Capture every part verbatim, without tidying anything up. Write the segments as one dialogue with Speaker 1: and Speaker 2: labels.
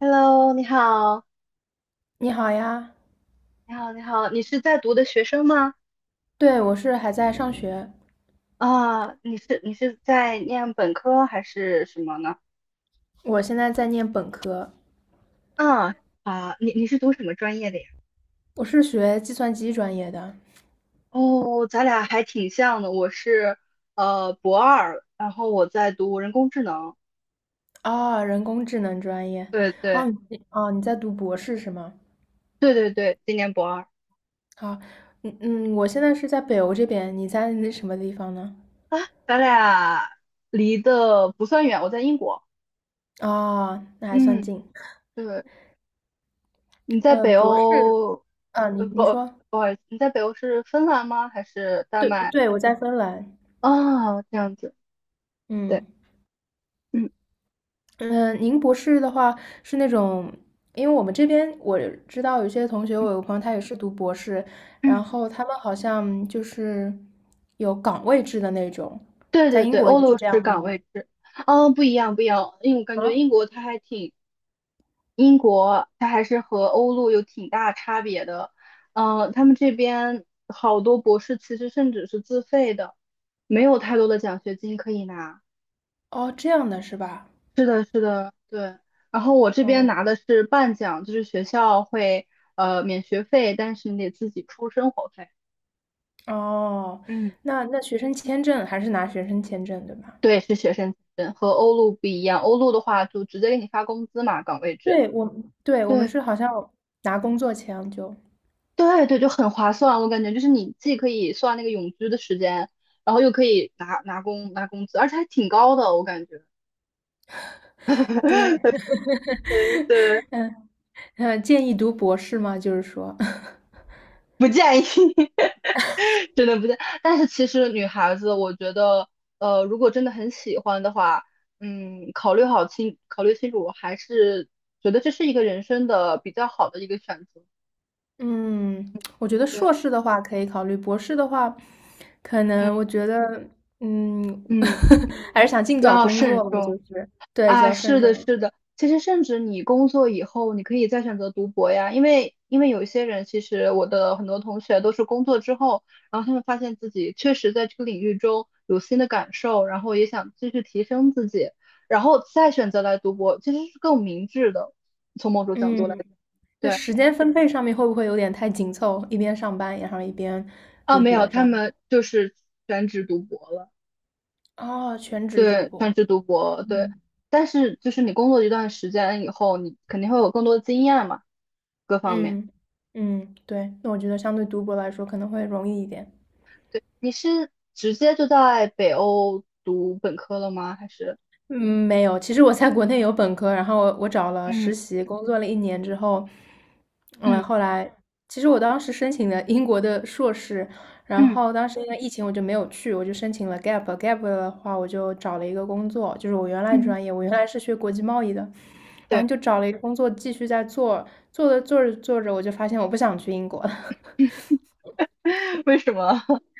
Speaker 1: Hello，你好，
Speaker 2: 你好呀，
Speaker 1: 你好，你好，你是在读的学生吗？
Speaker 2: 对，我是还在上学，
Speaker 1: 啊，你是你是在念本科还是什么呢？
Speaker 2: 我现在在念本科，
Speaker 1: 啊啊，你你是读什么专业的呀？
Speaker 2: 我是学计算机专业的。
Speaker 1: 哦，咱俩还挺像的，我是呃博二，然后我在读人工智能。
Speaker 2: 啊，人工智能专业。
Speaker 1: 对
Speaker 2: 哦，
Speaker 1: 对
Speaker 2: 你哦，你在读博士是吗？
Speaker 1: 对对对，今年博二。
Speaker 2: 啊，嗯嗯，我现在是在北欧这边，你在那什么地方呢？
Speaker 1: 啊，咱俩离得不算远，我在英国。
Speaker 2: 啊，那还算
Speaker 1: 嗯，
Speaker 2: 近。
Speaker 1: 对，你在
Speaker 2: 呃，
Speaker 1: 北
Speaker 2: 博士。
Speaker 1: 欧。
Speaker 2: 啊，你
Speaker 1: 呃
Speaker 2: 你
Speaker 1: 不
Speaker 2: 说。
Speaker 1: 不好意思，你在北欧是芬兰吗？还是丹
Speaker 2: 对
Speaker 1: 麦？
Speaker 2: 对，我在芬兰。
Speaker 1: 哦，这样子。对，
Speaker 2: 嗯。
Speaker 1: 嗯
Speaker 2: 嗯，您博士的话是那种，因为我们这边我知道有些同学，我有个朋友他也是读博士，然
Speaker 1: 嗯。
Speaker 2: 后他们好像就是有岗位制的那种，
Speaker 1: 对
Speaker 2: 在
Speaker 1: 对
Speaker 2: 英
Speaker 1: 对，
Speaker 2: 国
Speaker 1: 欧
Speaker 2: 也是
Speaker 1: 陆
Speaker 2: 这
Speaker 1: 是
Speaker 2: 样的
Speaker 1: 岗
Speaker 2: 吗？
Speaker 1: 位制。哦，不一样不一样，因为我感觉
Speaker 2: 啊，
Speaker 1: 英国它还挺……英国它还是和欧陆有挺大差别的。嗯，他们这边好多博士其实甚至是自费的，没有太多的奖学金可以拿。
Speaker 2: 哦，这样的是吧？
Speaker 1: 是的，是的，对。然后我这边
Speaker 2: 哦
Speaker 1: 拿的是半奖，就是学校会呃免学费，但是你得自己出生活费。
Speaker 2: 哦，
Speaker 1: 嗯。
Speaker 2: 那那学生签证还是拿学生签证对吧？
Speaker 1: 对，是学生签证，和欧陆不一样。欧陆的话，就直接给你发工资嘛，岗位制。
Speaker 2: 对我们对我们
Speaker 1: 对
Speaker 2: 是好像拿工作签就
Speaker 1: 对对，就很划算。我感觉就是你既可以算那个永居的时间，然后又可以拿拿工拿工资，而且还挺高的，我感觉。
Speaker 2: 对。
Speaker 1: 对对，
Speaker 2: 呃，建议读博士吗？就是说。
Speaker 1: 不建议，真的不建议。但是其实女孩子，我觉得，呃，如果真的很喜欢的话，嗯，考虑好清，考虑清楚，我还是觉得这是一个人生的比较好的一个选择。
Speaker 2: 嗯，我觉得
Speaker 1: 对，
Speaker 2: 硕士的话可以考虑，博士的话，可
Speaker 1: 嗯
Speaker 2: 能我觉得，嗯，
Speaker 1: 嗯，
Speaker 2: 还是想尽早
Speaker 1: 要
Speaker 2: 工
Speaker 1: 慎
Speaker 2: 作吧，就
Speaker 1: 重。
Speaker 2: 是对，就
Speaker 1: 啊，
Speaker 2: 要慎
Speaker 1: 是
Speaker 2: 重
Speaker 1: 的，
Speaker 2: 了。
Speaker 1: 是的。其实，甚至你工作以后，你可以再选择读博呀，因为因为有一些人，其实我的很多同学都是工作之后，然后他们发现自己确实在这个领域中有新的感受，然后也想继续提升自己，然后再选择来读博，其实是更明智的，从某种角度来
Speaker 2: 嗯，
Speaker 1: 讲。
Speaker 2: 那
Speaker 1: 对，
Speaker 2: 时间分配上面会不会有点太紧凑？一边上班，然后一边
Speaker 1: 啊，
Speaker 2: 读
Speaker 1: 没有，
Speaker 2: 博这
Speaker 1: 他
Speaker 2: 样？
Speaker 1: 们就是全职读博了。
Speaker 2: 哦，全职读
Speaker 1: 对，全
Speaker 2: 博。
Speaker 1: 职读博，对。
Speaker 2: 嗯
Speaker 1: 但是就是你工作一段时间以后，你肯定会有更多的经验嘛，各方面。
Speaker 2: 嗯嗯，对，那我觉得相对读博来说可能会容易一点。
Speaker 1: 对，你是直接就在北欧读本科了吗？还是
Speaker 2: 嗯，没有。其实我在国内有本科，然后我我找了
Speaker 1: 嗯
Speaker 2: 实习，工作了一年之后。嗯，
Speaker 1: 嗯
Speaker 2: 后来其实我当时申请的英国的硕士，然
Speaker 1: 嗯
Speaker 2: 后当时因为疫情我就没有去，我就申请了 gap。gap 的话，我就找了一个工作，就是我原来
Speaker 1: 嗯，
Speaker 2: 专业，我原来是学国际贸易的，然
Speaker 1: 对，
Speaker 2: 后就找了一个工作继续在做，做着做着做着，我就发现我不想去英国了。
Speaker 1: 为什么？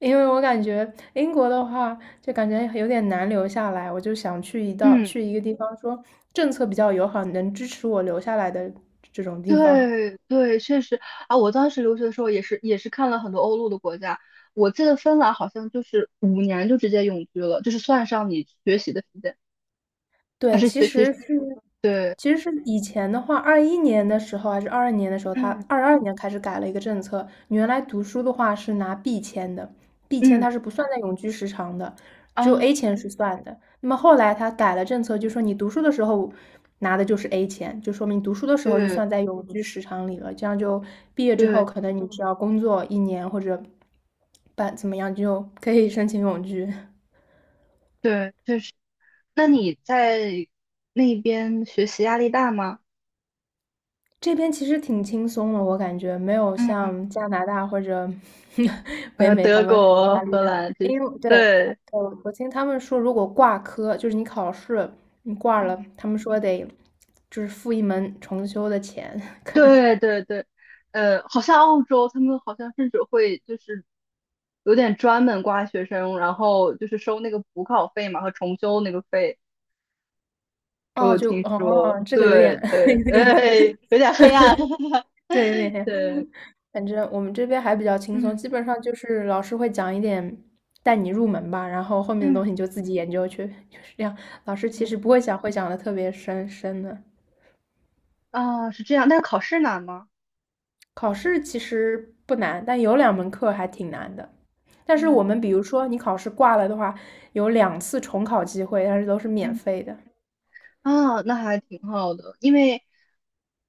Speaker 2: 因为我感觉英国的话，就感觉有点难留下来，我就想去一道
Speaker 1: 嗯，
Speaker 2: 去一个地方，说政策比较友好，能支持我留下来的这种地方。
Speaker 1: 对对，确实啊，我当时留学的时候也是也是看了很多欧陆的国家，我记得芬兰好像就是五年就直接永居了，就是算上你学习的时间，还
Speaker 2: 对，
Speaker 1: 是
Speaker 2: 其
Speaker 1: 学
Speaker 2: 实
Speaker 1: 习，
Speaker 2: 是，
Speaker 1: 对，
Speaker 2: 其实是以前的话，二一年的时候还是二二年的时候，他
Speaker 1: 嗯
Speaker 2: 二二年开始改了一个政策。你原来读书的话是拿 B 签的，B 签
Speaker 1: 嗯
Speaker 2: 它是不算在永居时长的，只有
Speaker 1: 啊，
Speaker 2: A 签是算的。那么后来他改了政策，就说你读书的时候拿的就是 A 签，就说明读书的时候就
Speaker 1: 对
Speaker 2: 算在永居时长里了。这样就毕业之后，
Speaker 1: 对
Speaker 2: 可能你只要工作一年或者办怎么样，就可以申请永居。
Speaker 1: 对，确实。那你在那边学习压力大吗？
Speaker 2: 这边其实挺轻松的，我感觉没有
Speaker 1: 嗯。
Speaker 2: 像加拿大或者 北
Speaker 1: 呃，
Speaker 2: 美他
Speaker 1: 德
Speaker 2: 们
Speaker 1: 国、
Speaker 2: 压力
Speaker 1: 荷
Speaker 2: 大。
Speaker 1: 兰这些，
Speaker 2: 因为对，对，
Speaker 1: 对，
Speaker 2: 我听他们说，如果挂科，就是你考试你挂
Speaker 1: 嗯，
Speaker 2: 了，他们说得就是付一门重修的钱，可能
Speaker 1: 对对对，呃，好像澳洲他们好像甚至会就是有点专门刮学生，然后就是收那个补考费嘛和重修那个费，我
Speaker 2: 哦，
Speaker 1: 有
Speaker 2: 就
Speaker 1: 听说，
Speaker 2: 哦，这个有点
Speaker 1: 对对，
Speaker 2: 有点
Speaker 1: 哎，有点黑暗，
Speaker 2: 对，有点 黑。
Speaker 1: 对，
Speaker 2: 反正我们这边还比较轻松，
Speaker 1: 嗯
Speaker 2: 基本上就是老师会讲一点带你入门吧，然后后面的
Speaker 1: 嗯
Speaker 2: 东西你就自己研究去，就是这样。老师其
Speaker 1: 嗯，
Speaker 2: 实不会讲，会讲的特别深深的。
Speaker 1: 啊，是这样，但是考试难吗？
Speaker 2: 考试其实不难，但有两门课还挺难的。但是
Speaker 1: 嗯
Speaker 2: 我们比如说你考试挂了的话，有两次重考机会，但是都是免
Speaker 1: 嗯。
Speaker 2: 费的。
Speaker 1: 啊，那还挺好的，因为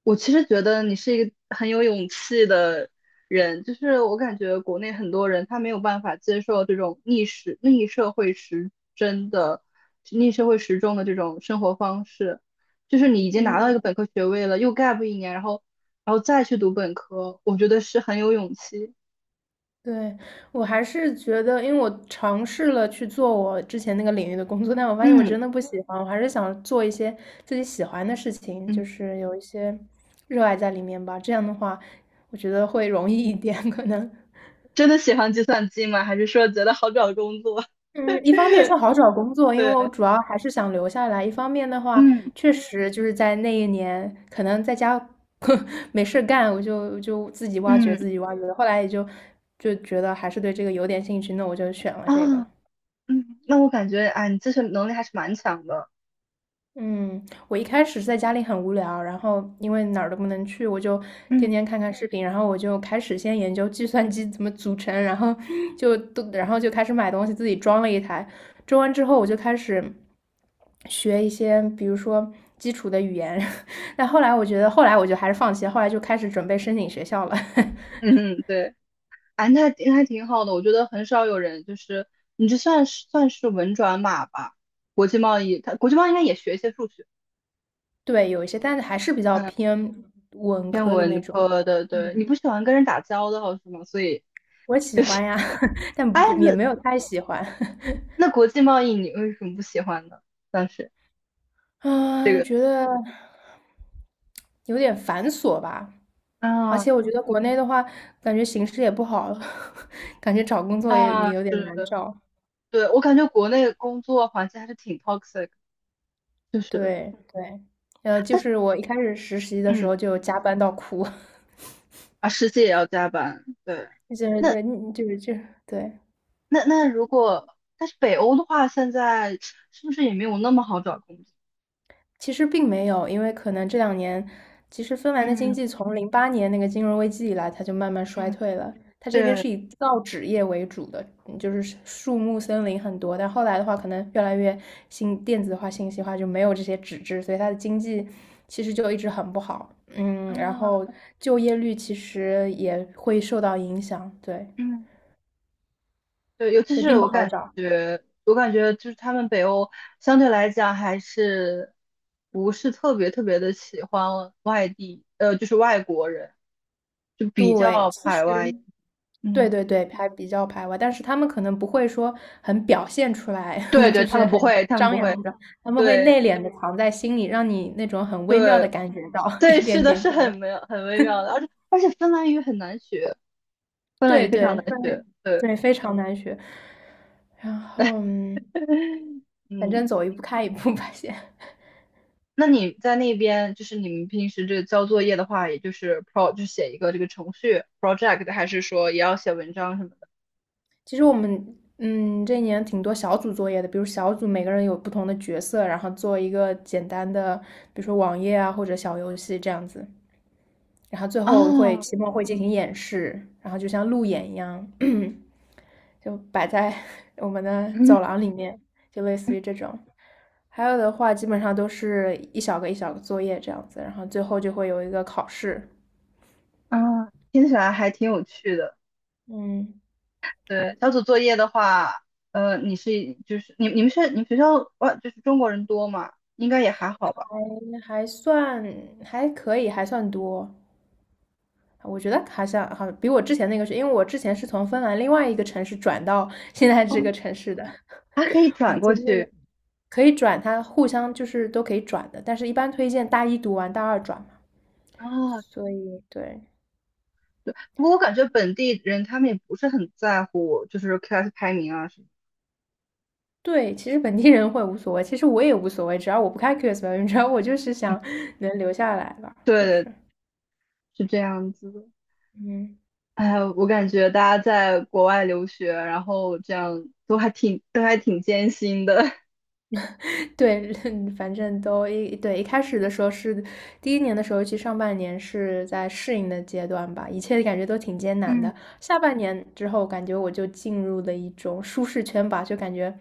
Speaker 1: 我其实觉得你是一个很有勇气的人，就是我感觉国内很多人他没有办法接受这种逆时逆社会时针的逆社会时钟的这种生活方式，就是你已经拿到一
Speaker 2: 嗯，
Speaker 1: 个本科学位了，又 gap 一年，然后然后再去读本科，我觉得是很有勇气。
Speaker 2: 对，我还是觉得，因为我尝试了去做我之前那个领域的工作，但我发现我
Speaker 1: 嗯
Speaker 2: 真的不喜欢，我还是想做一些自己喜欢的事情，就
Speaker 1: 嗯，
Speaker 2: 是有一些热爱在里面吧。这样的话，我觉得会容易一点，可能。
Speaker 1: 真的喜欢计算机吗？还是说觉得好找工作？
Speaker 2: 嗯，一方面是 好找工作，因为我
Speaker 1: 对，
Speaker 2: 主要还是想留下来；一方面的话，
Speaker 1: 嗯
Speaker 2: 确实就是在那一年，可能在家 没事干，我就就自己挖掘，
Speaker 1: 嗯
Speaker 2: 自己挖掘。后来也就就觉得还是对这个有点兴趣，那我就选了
Speaker 1: 啊。
Speaker 2: 这个。
Speaker 1: 嗯，那我感觉，哎，你自身能力还是蛮强的。
Speaker 2: 嗯，我一开始在家里很无聊，然后因为哪儿都不能去，我就
Speaker 1: 嗯
Speaker 2: 天天看看视频，然后我就开始先研究计算机怎么组成，然后 就都，然后就开始买东西，自己装了一台。装完之后，我就开始。学一些，比如说基础的语言。但后来我觉得，后来我就还是放弃了，后来就开始准备申请学校了。
Speaker 1: 嗯，嗯，对，哎，那还那还挺好的。我觉得很少有人就是你这算是算是文转码吧？国际贸易，它国际贸易应该也学一些数学。
Speaker 2: 对，有一些，但是还是比较
Speaker 1: 嗯，
Speaker 2: 偏文
Speaker 1: 偏
Speaker 2: 科的那
Speaker 1: 文
Speaker 2: 种。
Speaker 1: 科的。对，你不喜欢跟人打交道是吗？所以，
Speaker 2: 我喜欢呀，
Speaker 1: 哎，
Speaker 2: 但不也
Speaker 1: 那
Speaker 2: 没有太喜欢。
Speaker 1: 那国际贸易你为什么不喜欢呢？当时
Speaker 2: 啊，觉得有点繁琐吧。而
Speaker 1: 啊，
Speaker 2: 且我觉得国内的话，感觉形势也不好，感觉找工作也也
Speaker 1: 啊，
Speaker 2: 有点
Speaker 1: 是，
Speaker 2: 难找。
Speaker 1: 对，我感觉国内工作环境还是挺 toxic，就是，
Speaker 2: 对对，呃，就
Speaker 1: 但是，
Speaker 2: 是我一开始实习的时
Speaker 1: 嗯，
Speaker 2: 候就加班到哭。
Speaker 1: 啊，实际也要加班，对。
Speaker 2: 就是
Speaker 1: 那。
Speaker 2: 对，嗯就是就对。
Speaker 1: 那那如果，但是北欧的话，现在是不是也没有那么好找工作？
Speaker 2: 其实并没有，因为可能这两年，其实芬兰的经
Speaker 1: 嗯
Speaker 2: 济从零八年那个金融危机以来，它就慢慢衰
Speaker 1: 嗯，
Speaker 2: 退了。它这边
Speaker 1: 对，
Speaker 2: 是以造纸业为主的，嗯就是树木森林很多，但后来的话，可能越来越信电子化、信息化，就没有这些纸质，所以它的经济其实就一直很不好。嗯，然
Speaker 1: 嗯，
Speaker 2: 后就业率其实也会受到影响，对，
Speaker 1: 嗯对，尤其
Speaker 2: 所以
Speaker 1: 是
Speaker 2: 并不
Speaker 1: 我
Speaker 2: 好
Speaker 1: 感
Speaker 2: 找。
Speaker 1: 觉，我感觉就是他们北欧相对来讲还是不是特别特别的喜欢外地，呃，就是外国人，就比
Speaker 2: 对，
Speaker 1: 较
Speaker 2: 其实。
Speaker 1: 排外。嗯，
Speaker 2: 对对对，还比较排外，但是他们可能不会说很表现出来，
Speaker 1: 对 对，
Speaker 2: 就
Speaker 1: 他
Speaker 2: 是
Speaker 1: 们
Speaker 2: 很
Speaker 1: 不会，他们
Speaker 2: 张
Speaker 1: 不会，
Speaker 2: 扬的，他们会
Speaker 1: 对
Speaker 2: 内敛的藏在心里，让你那种很微妙的
Speaker 1: 对
Speaker 2: 感觉到 一
Speaker 1: 对，
Speaker 2: 点
Speaker 1: 是的，
Speaker 2: 点
Speaker 1: 是
Speaker 2: 可能。
Speaker 1: 很微很微妙的，而且而且芬兰语很难学，芬兰
Speaker 2: 对
Speaker 1: 语非常
Speaker 2: 对，
Speaker 1: 难
Speaker 2: 非
Speaker 1: 学，对。
Speaker 2: 对，非常难学。然后，嗯 反正
Speaker 1: 嗯，
Speaker 2: 走一步看一步吧，先。
Speaker 1: 那你在那边，就是你们平时这个交作业的话，也就是 pro 就写一个这个程序 project，还是说也要写文章什么的？
Speaker 2: 其实我们，嗯，这一年挺多小组作业的，比如小组每个人有不同的角色，然后做一个简单的，比如说网页啊或者小游戏这样子。然后最后会
Speaker 1: 哦，
Speaker 2: 期末会进行演示，然后就像路演一样，就摆在 我们的
Speaker 1: 嗯
Speaker 2: 走廊里面，就类似于这种。还有的话，基本上都是一小个一小个作业这样子，然后最后就会有一个考试。
Speaker 1: 嗯，听起来还挺有趣的。
Speaker 2: 嗯，
Speaker 1: 对，小组作业的话，呃，你是就是你你们是你们学校哇就是中国人多嘛，应该也还好吧。
Speaker 2: 还还算还可以，还算多。我觉得好像好，比我之前那个是，因为我之前是从芬兰另外一个城市转到 现在
Speaker 1: 哦，
Speaker 2: 这个城市的。
Speaker 1: 还可以
Speaker 2: 我
Speaker 1: 转过
Speaker 2: 经历了。
Speaker 1: 去。
Speaker 2: 可以转，他互相就是都可以转的，但是一般推荐大一读完大二转嘛。
Speaker 1: 啊。
Speaker 2: 所以对。
Speaker 1: 对，不过我感觉本地人他们也不是很在乎，就是 class 排名啊什么。
Speaker 2: 对，其实本地人会无所谓，其实我也无所谓，只要我不开 Q S 表演，只要我就是想能留下来吧，就是
Speaker 1: 对，是这样子的。
Speaker 2: 嗯。
Speaker 1: 哎，我感觉大家在国外留学，然后这样都还挺都还挺艰辛的
Speaker 2: 对，反正都一对一开始的时候是第一年的时候，其实上半年是在适应的阶段吧，一切感觉都挺艰 难
Speaker 1: 嗯
Speaker 2: 的。下半年之后，感觉我就进入了一种舒适圈吧，就感觉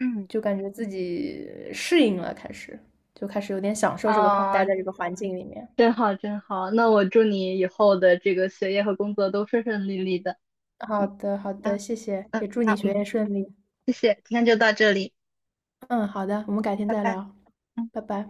Speaker 1: 嗯，
Speaker 2: 就感觉自己适应了，开始就开始有点享受这个环，
Speaker 1: 啊，
Speaker 2: 待在这个环境里面。
Speaker 1: 真好真好。那我祝你以后的这个学业和工作都顺顺利利的。
Speaker 2: 好
Speaker 1: 嗯
Speaker 2: 的，好
Speaker 1: 啊
Speaker 2: 的，谢谢，
Speaker 1: 嗯，
Speaker 2: 也祝你
Speaker 1: 好，
Speaker 2: 学
Speaker 1: 嗯
Speaker 2: 业顺利。
Speaker 1: 谢谢，今天就到这里，
Speaker 2: 嗯，好的，我们改天
Speaker 1: 拜
Speaker 2: 再
Speaker 1: 拜。
Speaker 2: 聊，
Speaker 1: 嗯。
Speaker 2: 拜拜。